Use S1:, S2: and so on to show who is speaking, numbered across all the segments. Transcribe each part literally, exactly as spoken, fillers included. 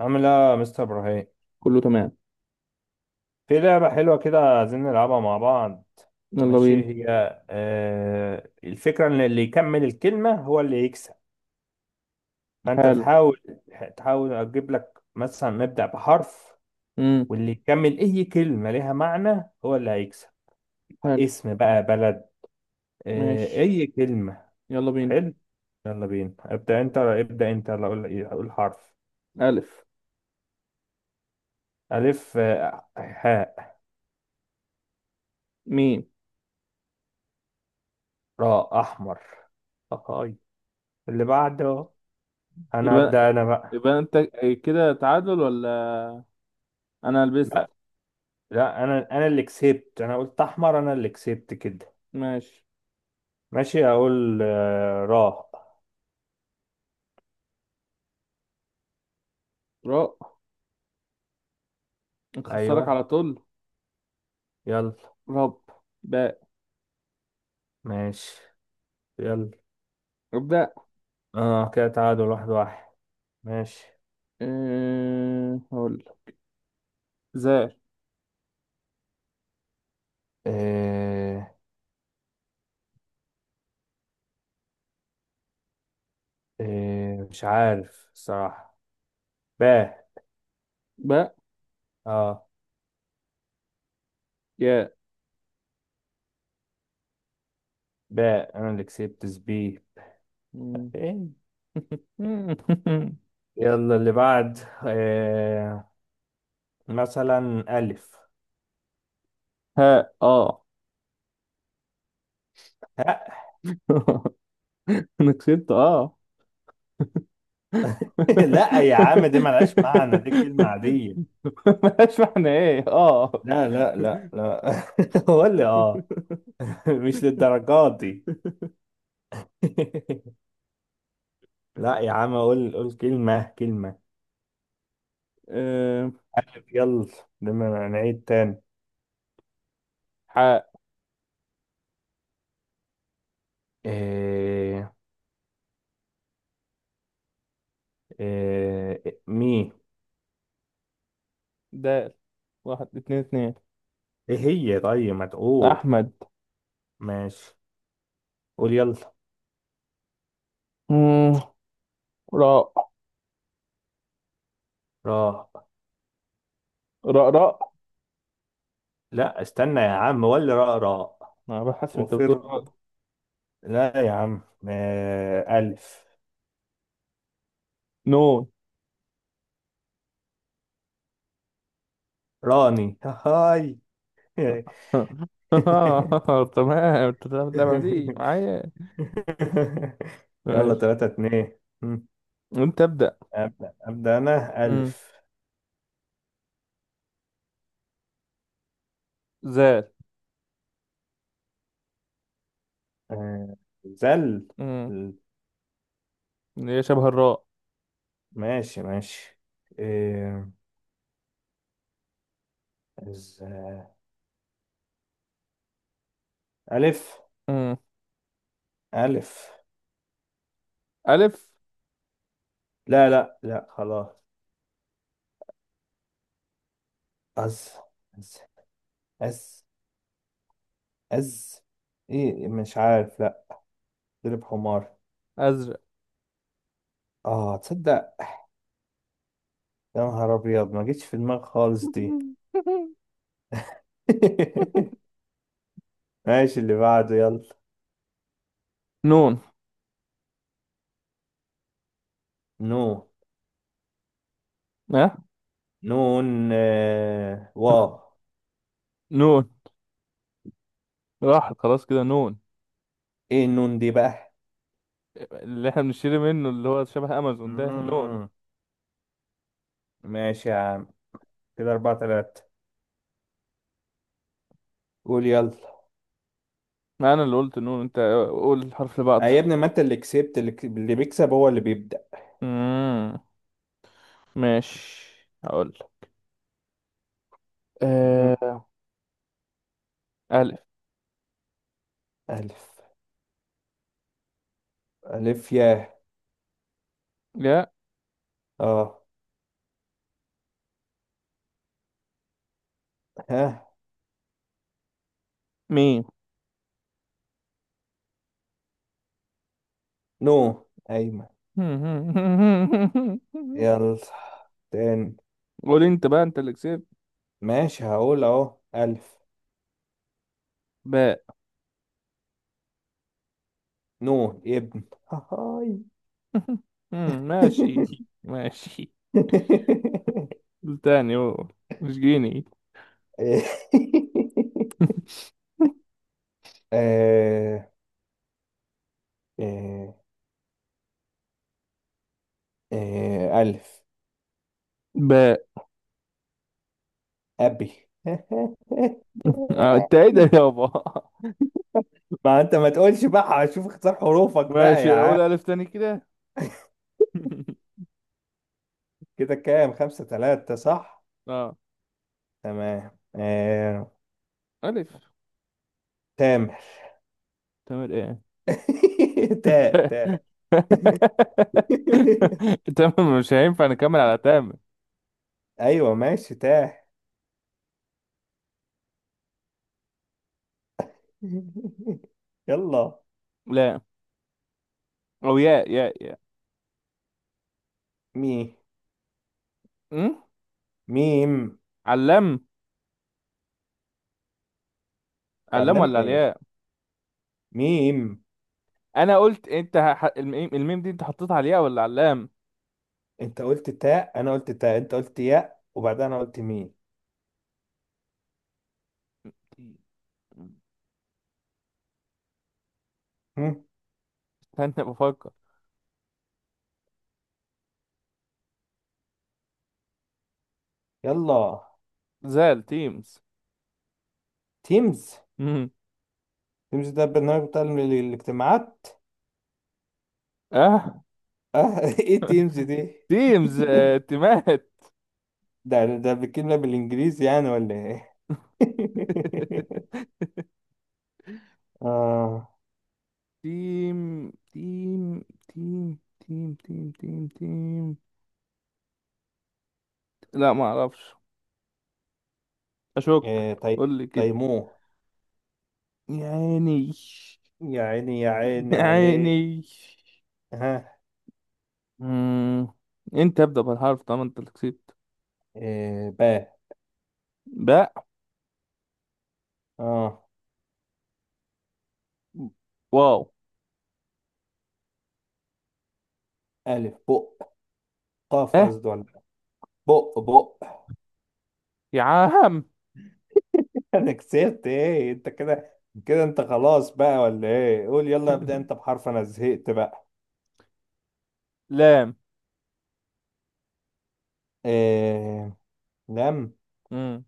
S1: عامل ايه يا مستر ابراهيم؟
S2: كله تمام.
S1: في لعبة حلوة كده عايزين نلعبها مع بعض.
S2: يلا
S1: ماشي،
S2: بينا.
S1: هي آه الفكرة ان اللي يكمل الكلمة هو اللي يكسب. فانت
S2: حلو.
S1: تحاول، تحاول اجيب لك مثلا نبدأ بحرف
S2: امم
S1: واللي يكمل اي كلمة ليها معنى هو اللي هيكسب.
S2: حلو.
S1: اسم بقى بلد؟ آه،
S2: ماشي.
S1: اي كلمة.
S2: يلا بينا.
S1: حلو، يلا بينا. ابدأ انت، ابدأ انت، يلا اقول، اقول حرف.
S2: ألف.
S1: الف آه، حاء،
S2: ميم.
S1: راء، احمر. أهاي. اللي بعده، انا هبدأ
S2: يبقى
S1: انا بقى.
S2: يبقى انت. كده تعادل ولا انا لبست؟
S1: لا، لا، انا انا اللي كسبت، انا قلت احمر، انا اللي كسبت كده.
S2: ماشي.
S1: ماشي، اقول آه، راء.
S2: راء. نخسرك
S1: ايوه
S2: على طول.
S1: يلا.
S2: رب. باء.
S1: ماشي، يلا.
S2: ابدأ.
S1: اه كده تعادل واحد واحد. ماشي.
S2: أه... هقول لك. زي.
S1: آه، آه، مش عارف صراحة. باء.
S2: باء.
S1: اه،
S2: ياء.
S1: باء، انا اللي كسبت سبي.
S2: مم.
S1: إيه؟ يلا اللي بعد. آه، مثلا الف.
S2: ها. اه.
S1: ها.
S2: أنا كسبت أه.
S1: لا يا عم، دي ملهاش معنى، دي كلمة عادية.
S2: ماشي، احنا ايه اه.
S1: لا لا لا لا. قول لي اه. مش للدرجات دي. لا يا عم، قول، قول كلمة، كلمة
S2: أم،
S1: يلا. لما نعيد تاني.
S2: حاء.
S1: إيه؟ إيه مي؟
S2: دال. واحد، اتنين، اتنين.
S1: ايه هي؟ طيب ما تقول.
S2: أحمد.
S1: ماشي قول يلا.
S2: مم، راء،
S1: راء؟
S2: راء، راء.
S1: لا استنى يا عم، ولا راء راء؟
S2: أنا بحس أنت بتقول
S1: وفر.
S2: غلط.
S1: لا يا عم. آه، ألف.
S2: نون.
S1: راني، هاي.
S2: تمام، أنت بتلعب اللعبة دي معايا؟
S1: يلا،
S2: ماشي،
S1: تلاتة اتنين. مم.
S2: أنت ابدأ.
S1: أبدأ، أبدأ أنا
S2: مم،
S1: ألف.
S2: زال.
S1: آه، زل.
S2: مم، اللي هي شبه الراء.
S1: ماشي، ماشي. إيه، ز... ألف،
S2: مم،
S1: ألف
S2: ألف.
S1: لا لا لا خلاص. أز، أز، أز، أز. إيه مش عارف، لا. ضرب حمار.
S2: أزرق.
S1: آه، تصدق، يا نهار أبيض، ما جتش في دماغي خالص دي. ماشي، اللي بعده يلا.
S2: نون.
S1: نو
S2: ها.
S1: نون آه، واو.
S2: نون. راحت خلاص كده نون.
S1: ايه النون دي بقى؟
S2: اللي احنا بنشتري منه، اللي هو شبه أمازون، ده نون.
S1: مم. ماشي يا عم. كده أربعة تلاتة. قول يلا.
S2: ما انا اللي قلت نون، انت قول الحرف اللي
S1: آه
S2: بعده.
S1: يا ابني، ما انت اللي كسبت، اللي, ك- اللي بيكسب هو اللي بيبدأ.
S2: امم ماشي. هقول.
S1: مم.
S2: أه... الف.
S1: ألف. ألف يا.
S2: يا.
S1: اه. ها.
S2: ميم.
S1: نو أيمن. يلا تاني.
S2: قول انت بقى، انت اللي كسبت.
S1: ماشي، هقول أهو ألف.
S2: باء.
S1: نو ابن، هاي.
S2: مم، ماشي. ماشي. قول تاني، قول مش جيني.
S1: آه، آه، آه، ألف
S2: باء.
S1: أبي.
S2: آه، انت ايه ده يابا؟
S1: ما انت ما تقولش بقى، هشوف اختار حروفك بقى يا
S2: ماشي،
S1: عم.
S2: قول الف تاني كده.
S1: كده كام، خمسة ثلاثة صح؟
S2: اه.
S1: تمام آه...
S2: الف.
S1: تام.
S2: تمام ايه؟
S1: تاء، تاء
S2: تمام، مش هينفع نكمل على تامر.
S1: ايوه ماشي، تاء. يلا.
S2: لا. او ياء، ياء، ياء.
S1: مي.
S2: أم؟
S1: ميم.
S2: علام. علام
S1: علم
S2: ولا
S1: ايه؟
S2: الياء؟
S1: ميم.
S2: انا قلت انت ح... الميم الميم دي انت حطيتها على الياء ولا علام؟
S1: انت قلت تاء، انا قلت تاء، انت قلت ياء، وبعدها انا قلت ميم. هم،
S2: استنى بفكر.
S1: يلا.
S2: زال، تيمز.
S1: تيمز.
S2: أم.
S1: تيمز ده البرنامج بتاع ال- الاجتماعات.
S2: اه.
S1: اه. ايه تيمز دي؟
S2: تيمز. آه، تيمات.
S1: ده ده بتكلمنا بالانجليزي يعني ولا ايه؟ اه.
S2: تيم، تيم، تيم، تيم، تيم، تيم، تيم. لا، ما اعرفش. اشك.
S1: إيه طي...
S2: قول لي كده.
S1: تيموه.
S2: يا عيني،
S1: يا عيني، يا عيني
S2: يا
S1: عليه.
S2: عيني.
S1: ها.
S2: مم. انت ابدأ بالحرف طالما انت اللي كسبت.
S1: إيه، باء.
S2: باء.
S1: اه.
S2: واو.
S1: الف بق قاف
S2: اه
S1: قصدي، ولا بق، بق
S2: يا عم.
S1: انا كسبت ايه انت كده؟ كده انت خلاص بقى ولا ايه؟ قول يلا، ابدا انت بحرف، انا زهقت بقى.
S2: لام.
S1: إيه؟ لم؟
S2: مم.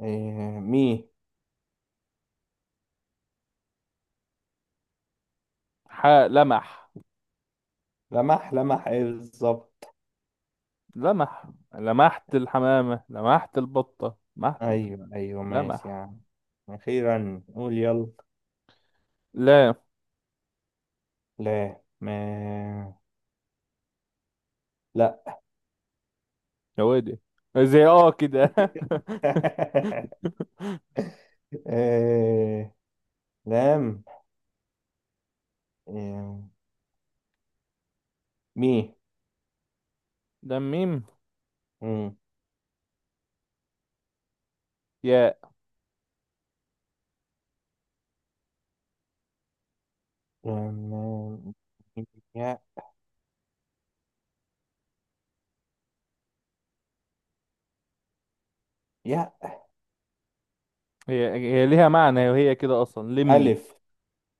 S1: إيه مي؟
S2: ح. لمح.
S1: لمح. لمح ايه بالظبط؟
S2: لمح، لمحت الحمامة، لمحت البطة، لمحت.
S1: ايوه ايوه ماشي يا
S2: لمح.
S1: عم. اخيرا، قول يلا.
S2: لام.
S1: لا ما. لا.
S2: يا ويلي. زي اه كده.
S1: آه، لام. آه، مي.
S2: ده ميم.
S1: مم.
S2: يا.
S1: لام. يا. يا.
S2: هي هي ليها معنى، وهي كده اصلا لمي.
S1: ألف.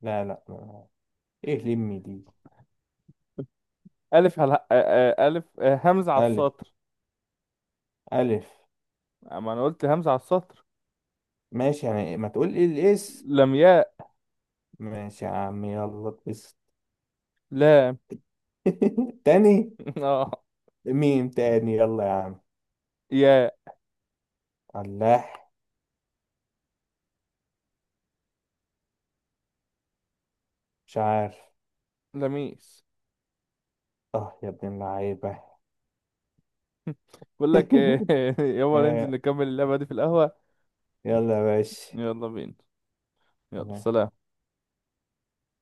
S1: لا لا ما- إيه لمي دي؟
S2: الف هل... آ- آ- الف آ، همزة على
S1: ألف،
S2: السطر.
S1: ألف
S2: اما انا قلت همزة على السطر.
S1: ماشي، يعني ما تقول إيه الإس.
S2: لمياء.
S1: ماشي يا عم، يلا بس.
S2: لام.
S1: تاني.
S2: اه.
S1: ميم تاني، يلا يا عم.
S2: يا.
S1: الله، مش عارف.
S2: لميس.
S1: اه يا ابن اللعيبة.
S2: بقول لك ايه. يلا ننزل
S1: آه،
S2: نكمل اللعبة دي في القهوة.
S1: يلا يا باشا.
S2: يلا بينا. يلا سلام.